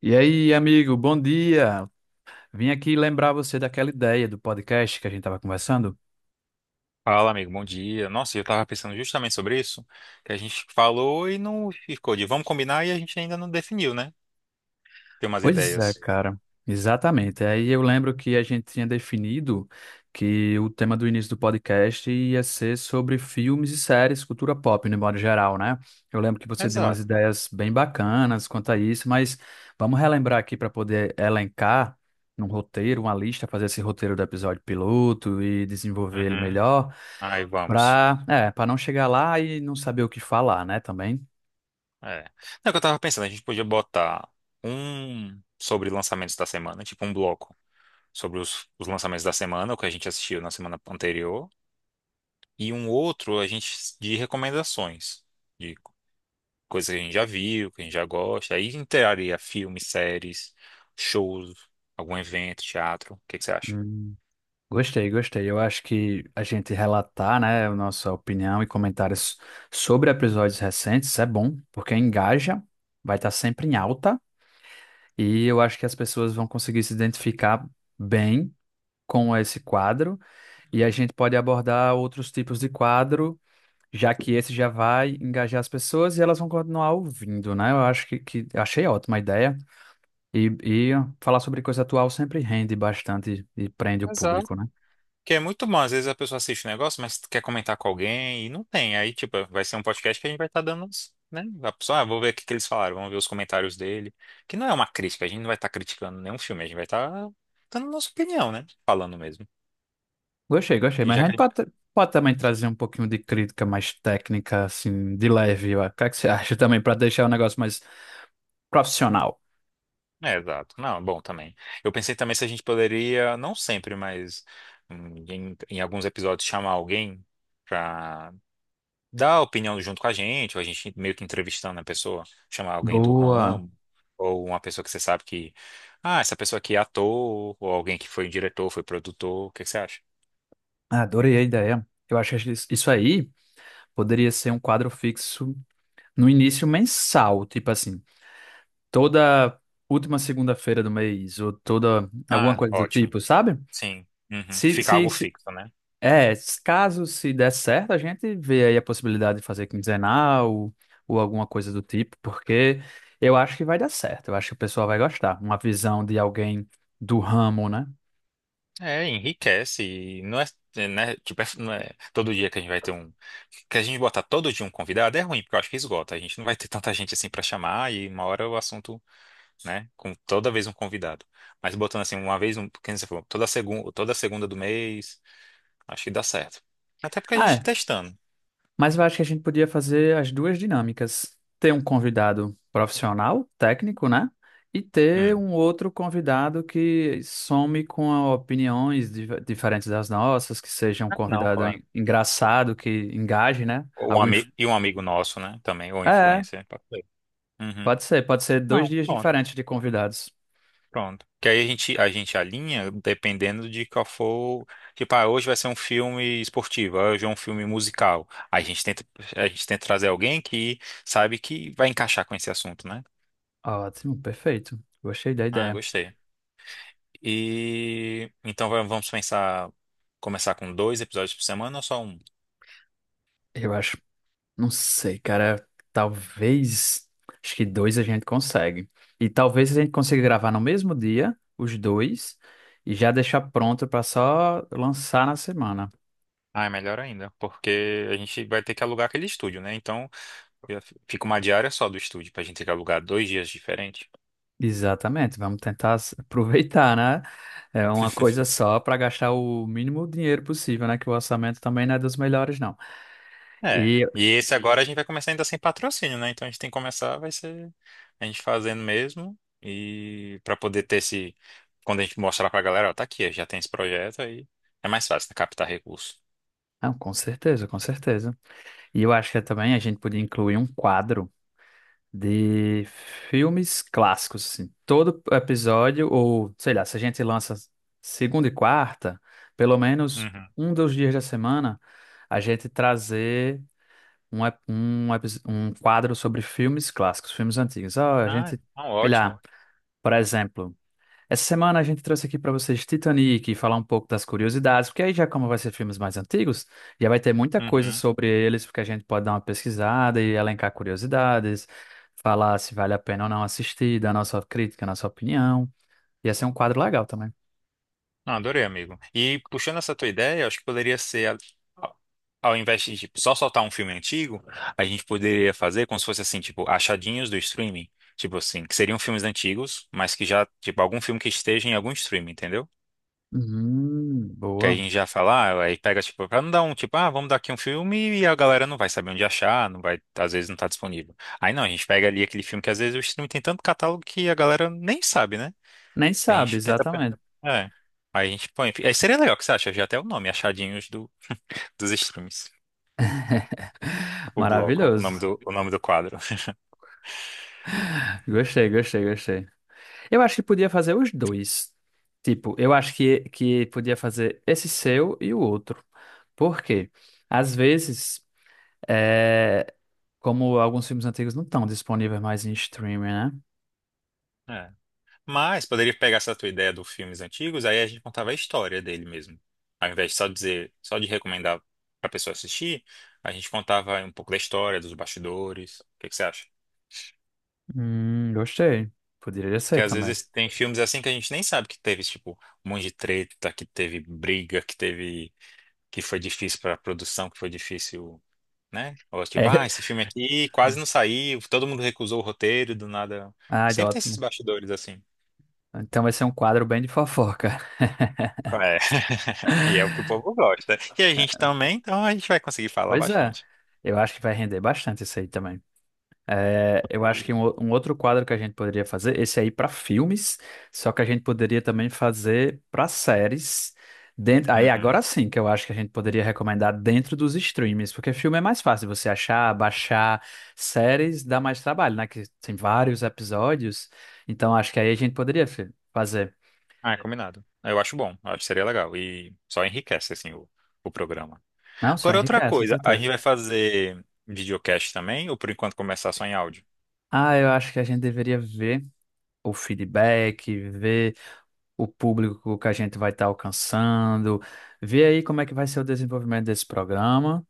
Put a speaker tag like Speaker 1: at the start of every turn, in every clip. Speaker 1: E aí, amigo, bom dia. Vim aqui lembrar você daquela ideia do podcast que a gente estava conversando.
Speaker 2: Fala, amigo, bom dia. Nossa, eu tava pensando justamente sobre isso, que a gente falou e não ficou de vamos combinar e a gente ainda não definiu, né? Tem umas
Speaker 1: Pois é,
Speaker 2: ideias.
Speaker 1: cara, exatamente. Aí eu lembro que a gente tinha definido que o tema do início do podcast ia ser sobre filmes e séries, cultura pop, no modo geral, né? Eu lembro que você deu umas
Speaker 2: Exato.
Speaker 1: ideias bem bacanas quanto a isso, mas vamos relembrar aqui para poder elencar num roteiro, uma lista, fazer esse roteiro do episódio piloto e desenvolver ele
Speaker 2: Uhum.
Speaker 1: melhor,
Speaker 2: Aí vamos.
Speaker 1: para não chegar lá e não saber o que falar, né, também.
Speaker 2: É. Não, é que eu tava pensando, a gente podia botar um sobre lançamentos da semana, tipo um bloco sobre os lançamentos da semana, o que a gente assistiu na semana anterior, e um outro a gente de recomendações, coisa que a gente já viu, que a gente já gosta. Aí entraria filmes, séries, shows, algum evento, teatro. O que que você acha?
Speaker 1: Gostei, gostei. Eu acho que a gente relatar, né, a nossa opinião e comentários sobre episódios recentes é bom, porque engaja, vai estar sempre em alta, e eu acho que as pessoas vão conseguir se identificar bem com esse quadro, e a gente pode abordar outros tipos de quadro, já que esse já vai engajar as pessoas e elas vão continuar ouvindo, né? Eu acho que achei ótima a ideia, e falar sobre coisa atual sempre rende bastante e prende o
Speaker 2: Exato.
Speaker 1: público, né?
Speaker 2: Que é muito bom, às vezes a pessoa assiste um negócio, mas quer comentar com alguém e não tem. Aí, tipo, vai ser um podcast que a gente vai estar dando, uns, né? A pessoa, ah, vou ver o que que eles falaram, vamos ver os comentários dele. Que não é uma crítica, a gente não vai estar criticando nenhum filme, a gente vai estar dando nossa opinião, né? Falando mesmo.
Speaker 1: Gostei, gostei,
Speaker 2: E
Speaker 1: mas a
Speaker 2: já
Speaker 1: gente
Speaker 2: que
Speaker 1: pode também trazer um pouquinho de crítica mais técnica, assim, de leve, ó. O que é que você acha também, para deixar o negócio mais profissional?
Speaker 2: É, exato. Não, bom também. Eu pensei também se a gente poderia, não sempre, mas em alguns episódios, chamar alguém pra dar opinião junto com a gente, ou a gente meio que entrevistando a pessoa, chamar alguém do
Speaker 1: Boa,
Speaker 2: ramo, ou uma pessoa que você sabe que, ah, essa pessoa aqui é ator, ou alguém que foi diretor, foi produtor, o que que você acha?
Speaker 1: adorei a ideia. Eu acho que isso aí poderia ser um quadro fixo no início mensal, tipo assim, toda última segunda-feira do mês, ou toda alguma
Speaker 2: Ah,
Speaker 1: coisa do
Speaker 2: ótimo.
Speaker 1: tipo, sabe?
Speaker 2: Sim. Uhum.
Speaker 1: Se,
Speaker 2: Fica
Speaker 1: se,
Speaker 2: algo
Speaker 1: se
Speaker 2: fixo, né?
Speaker 1: É, s- caso se der certo, a gente vê aí a possibilidade de fazer quinzenal, ou alguma coisa do tipo, porque eu acho que vai dar certo, eu acho que o pessoal vai gostar. Uma visão de alguém do ramo, né?
Speaker 2: É, enriquece. E não é, é, né, tipo, não é todo dia que a gente vai ter um. Que a gente botar todo dia um convidado é ruim, porque eu acho que esgota. A gente não vai ter tanta gente assim pra chamar e uma hora o assunto, né? Com toda vez um convidado. Mas botando assim, uma vez, um, quem você falou, toda segunda do mês, acho que dá certo. Até porque a
Speaker 1: Ah,
Speaker 2: gente testando.
Speaker 1: mas eu acho que a gente podia fazer as duas dinâmicas: ter um convidado profissional, técnico, né? E ter
Speaker 2: Hum.
Speaker 1: um outro convidado que some com opiniões diferentes das nossas, que seja um
Speaker 2: Ah, não,
Speaker 1: convidado
Speaker 2: claro.
Speaker 1: engraçado, que engaje, né?
Speaker 2: Ou Um,
Speaker 1: Algum.
Speaker 2: ami- e um amigo nosso, né? Também, ou
Speaker 1: É.
Speaker 2: influencer. Pode ser. Uhum.
Speaker 1: Pode ser dois
Speaker 2: Não,
Speaker 1: dias
Speaker 2: pronto.
Speaker 1: diferentes de convidados.
Speaker 2: Pronto. Que aí a gente alinha dependendo de qual for. Tipo, ah, hoje vai ser um filme esportivo, ah, hoje é um filme musical. Aí a gente tenta trazer alguém que sabe que vai encaixar com esse assunto, né?
Speaker 1: Ótimo, perfeito. Gostei da
Speaker 2: Ah,
Speaker 1: ideia.
Speaker 2: gostei. E então vamos pensar, começar com dois episódios por semana ou só um?
Speaker 1: Eu acho, não sei, cara, talvez, acho que dois a gente consegue. E talvez a gente consiga gravar no mesmo dia, os dois, e já deixar pronto para só lançar na semana.
Speaker 2: Ah, é melhor ainda, porque a gente vai ter que alugar aquele estúdio, né? Então eu- fica uma diária só do estúdio, pra gente ter que alugar 2 dias diferentes.
Speaker 1: Exatamente, vamos tentar aproveitar, né? É uma coisa só para gastar o mínimo dinheiro possível, né? Que o orçamento também não é dos melhores, não.
Speaker 2: É.
Speaker 1: E,
Speaker 2: E esse agora a gente vai começar ainda sem patrocínio, né? Então a gente tem que começar, vai ser a gente fazendo mesmo. E pra poder ter esse. Quando a gente mostrar pra galera, ó, tá aqui, já tem esse projeto aí. É mais fácil, né? Captar recurso.
Speaker 1: não, com certeza, com certeza. E eu acho que também a gente podia incluir um quadro de filmes clássicos, assim. Todo episódio, ou sei lá, se a gente lança segunda e quarta, pelo menos
Speaker 2: Uhum.
Speaker 1: um dos dias da semana, a gente trazer um quadro sobre filmes clássicos, filmes antigos. Ah, a
Speaker 2: Ah,
Speaker 1: gente,
Speaker 2: então
Speaker 1: sei
Speaker 2: ótimo.
Speaker 1: lá, por exemplo. Essa semana a gente trouxe aqui para vocês Titanic e falar um pouco das curiosidades, porque aí já como vai ser filmes mais antigos, já vai ter muita coisa
Speaker 2: Uhum.
Speaker 1: sobre eles, porque a gente pode dar uma pesquisada e elencar curiosidades, falar se vale a pena ou não assistir, dar nossa crítica, nossa opinião. Ia ser um quadro legal também.
Speaker 2: Não, adorei, amigo. E puxando essa tua ideia, eu acho que poderia ser. Ao ao invés de tipo, só soltar um filme antigo, a gente poderia fazer como se fosse assim, tipo, achadinhos do streaming. Tipo assim, que seriam filmes antigos, mas que já, tipo, algum filme que esteja em algum streaming, entendeu? Que aí
Speaker 1: Boa.
Speaker 2: a gente já fala, ah, aí pega, tipo, pra não dar um, tipo, ah, vamos dar aqui um filme e a galera não vai saber onde achar, não vai, às vezes não tá disponível. Aí não, a gente pega ali aquele filme que às vezes o streaming tem tanto catálogo que a galera nem sabe, né?
Speaker 1: Nem
Speaker 2: A
Speaker 1: sabe,
Speaker 2: gente tenta.
Speaker 1: exatamente.
Speaker 2: É. Aí a gente põe. Aí seria legal, o que você acha? Já até o nome, Achadinhos dos Streams. O bloco,
Speaker 1: Maravilhoso.
Speaker 2: o nome do quadro.
Speaker 1: Gostei, gostei, gostei. Eu acho que podia fazer os dois. Tipo, eu acho que podia fazer esse seu e o outro. Por quê? Às vezes, é, como alguns filmes antigos não estão disponíveis mais em streaming, né?
Speaker 2: É. Mas poderia pegar essa tua ideia dos filmes antigos, aí a gente contava a história dele mesmo. Ao invés de só dizer, só de recomendar pra pessoa assistir, a gente contava um pouco da história, dos bastidores. O que que você acha?
Speaker 1: Gostei. Poderia
Speaker 2: Porque
Speaker 1: ser
Speaker 2: às
Speaker 1: também.
Speaker 2: vezes tem filmes assim que a gente nem sabe que teve, tipo, um monte de treta, que teve briga, que teve, que foi difícil pra produção, que foi difícil, né? Ou tipo, ah,
Speaker 1: É.
Speaker 2: esse filme aqui quase não saiu, todo mundo recusou o roteiro, do nada.
Speaker 1: Ah,
Speaker 2: Sempre tem esses
Speaker 1: ótimo.
Speaker 2: bastidores assim.
Speaker 1: Então vai ser um quadro bem de fofoca.
Speaker 2: E é o que o povo gosta. E a gente também, então a gente vai conseguir falar
Speaker 1: Pois é.
Speaker 2: bastante.
Speaker 1: Eu acho que vai render bastante isso aí também. É, eu acho que um,
Speaker 2: E-
Speaker 1: um outro quadro que a gente poderia fazer, esse aí para filmes, só que a gente poderia também fazer para séries. Dentro, aí agora
Speaker 2: Uhum.
Speaker 1: sim que eu acho que a gente poderia recomendar dentro dos streams, porque filme é mais fácil você achar, baixar, séries dá mais trabalho, né? Que tem vários episódios, então acho que aí a gente poderia fazer.
Speaker 2: Ah, é combinado. Eu acho bom, eu acho que seria legal. E só enriquece, assim, o programa.
Speaker 1: Não, só
Speaker 2: Agora, outra
Speaker 1: enriquece, com
Speaker 2: coisa, a gente
Speaker 1: certeza.
Speaker 2: vai fazer videocast também, ou por enquanto começar só em áudio?
Speaker 1: Ah, eu acho que a gente deveria ver o feedback, ver o público que a gente vai estar alcançando, ver aí como é que vai ser o desenvolvimento desse programa,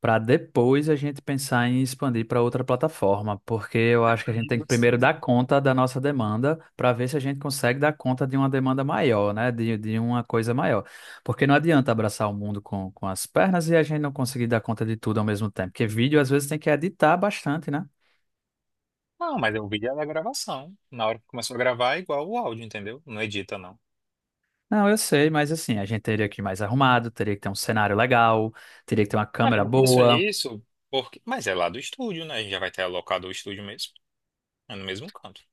Speaker 1: para depois a gente pensar em expandir para outra plataforma, porque eu acho que a
Speaker 2: Eu
Speaker 1: gente tem
Speaker 2: digo
Speaker 1: que primeiro dar
Speaker 2: assim,
Speaker 1: conta da nossa demanda, para ver se a gente consegue dar conta de uma demanda maior, né? De uma coisa maior. Porque não adianta abraçar o mundo com as pernas e a gente não conseguir dar conta de tudo ao mesmo tempo, porque vídeo às vezes tem que editar bastante, né?
Speaker 2: Não, mas o vídeo é da gravação. Na hora que começou a gravar é igual o áudio, entendeu? Não edita, não.
Speaker 1: Não, eu sei, mas assim, a gente teria que ir mais arrumado, teria que ter um cenário legal, teria que ter uma
Speaker 2: Ah,
Speaker 1: câmera
Speaker 2: eu penso
Speaker 1: boa.
Speaker 2: nisso Mas é lá do estúdio, né? A gente já vai ter alocado o estúdio mesmo. É no mesmo canto.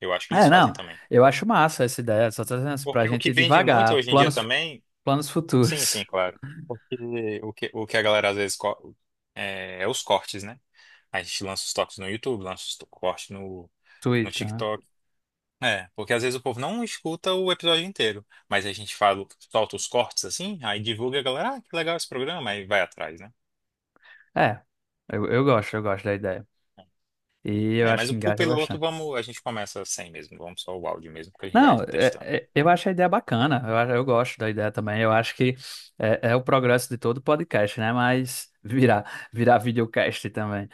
Speaker 2: Eu acho que
Speaker 1: É,
Speaker 2: eles fazem
Speaker 1: não.
Speaker 2: também.
Speaker 1: Eu acho massa essa ideia. Só tô dizendo assim, pra
Speaker 2: Porque o
Speaker 1: gente
Speaker 2: que
Speaker 1: ir
Speaker 2: vende muito
Speaker 1: devagar.
Speaker 2: hoje em dia
Speaker 1: Planos,
Speaker 2: também,
Speaker 1: planos
Speaker 2: sim,
Speaker 1: futuros.
Speaker 2: sim, claro. Porque o que a galera às vezes é os cortes, né? A gente lança os toques no YouTube, lança os cortes no, no
Speaker 1: Twitter, né?
Speaker 2: TikTok. É, porque às vezes o povo não escuta o episódio inteiro, mas a gente fala, solta os cortes assim, aí divulga a galera, ah, que legal esse programa, aí vai atrás, né?
Speaker 1: É, eu gosto da ideia. E eu
Speaker 2: É,
Speaker 1: acho
Speaker 2: mas
Speaker 1: que
Speaker 2: o pro
Speaker 1: engaja
Speaker 2: piloto,
Speaker 1: bastante.
Speaker 2: vamos, a gente começa sem mesmo, vamos só o áudio mesmo, porque a gente vai
Speaker 1: Não,
Speaker 2: testando.
Speaker 1: eu acho a ideia bacana. Eu, eu gosto da ideia também. Eu acho que é o progresso de todo podcast, né? Mas virar videocast também.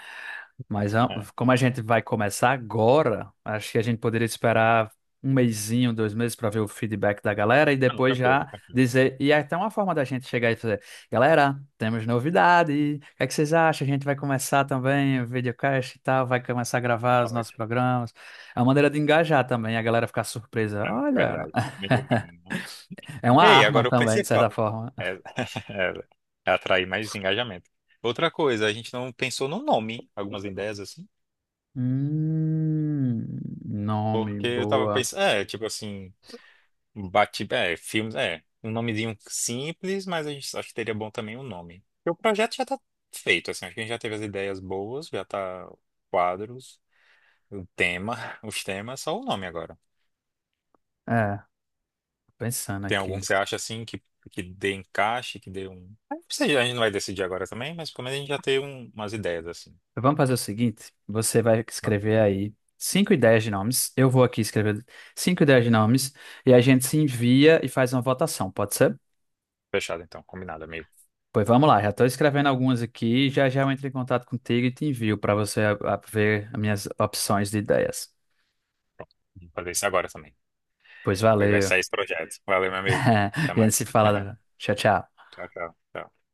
Speaker 1: Mas
Speaker 2: É.
Speaker 1: como a gente vai começar agora, acho que a gente poderia esperar um mesinho, 2 meses para ver o feedback da galera e
Speaker 2: Ah, não,
Speaker 1: depois
Speaker 2: tranquilo,
Speaker 1: já
Speaker 2: tranquilo.
Speaker 1: dizer. E é até uma forma da gente chegar e fazer: galera, temos novidade. O que é que vocês acham? A gente vai começar também o videocast e tal, vai começar a gravar
Speaker 2: Ah,
Speaker 1: os nossos
Speaker 2: ótimo,
Speaker 1: programas. É uma maneira de engajar também, a galera ficar surpresa.
Speaker 2: é, de
Speaker 1: Olha,
Speaker 2: verdade. Melhorando, né?
Speaker 1: é uma
Speaker 2: Ei,
Speaker 1: arma
Speaker 2: agora o
Speaker 1: também, de certa
Speaker 2: principal.
Speaker 1: forma.
Speaker 2: É, é, é atrair mais engajamento. Outra coisa, a gente não pensou no nome, algumas ideias assim,
Speaker 1: Hum, nome
Speaker 2: porque eu tava
Speaker 1: boa.
Speaker 2: pensando, é, tipo assim, bate, é, filmes, é, um nomezinho simples, mas a gente acho que teria bom também um nome. Porque o projeto já tá feito, assim, acho que a gente já teve as ideias boas, já tá quadros, o tema, os temas, só o nome agora.
Speaker 1: É, pensando
Speaker 2: Tem algum que
Speaker 1: aqui.
Speaker 2: você acha assim que dê encaixe, que dê um. Não sei. A gente não vai decidir agora também, mas pelo menos a gente já tem umas ideias assim.
Speaker 1: Vamos fazer o seguinte: você vai
Speaker 2: Vamos.
Speaker 1: escrever aí 5 ideias de nomes. Eu vou aqui escrever 5 ideias de nomes e a gente se envia e faz uma votação, pode ser?
Speaker 2: Fechado então, combinado, amigo.
Speaker 1: Pois vamos lá, já estou escrevendo algumas aqui. Já já eu entro em contato contigo e te envio para você ver as minhas opções de ideias.
Speaker 2: Vou fazer isso agora também.
Speaker 1: Pois
Speaker 2: Pois vai
Speaker 1: valeu.
Speaker 2: sair esse projeto. Valeu, meu amigo. Até
Speaker 1: A gente se
Speaker 2: mais.
Speaker 1: fala. Tchau, tchau.
Speaker 2: Tchau, tchau. Tchau.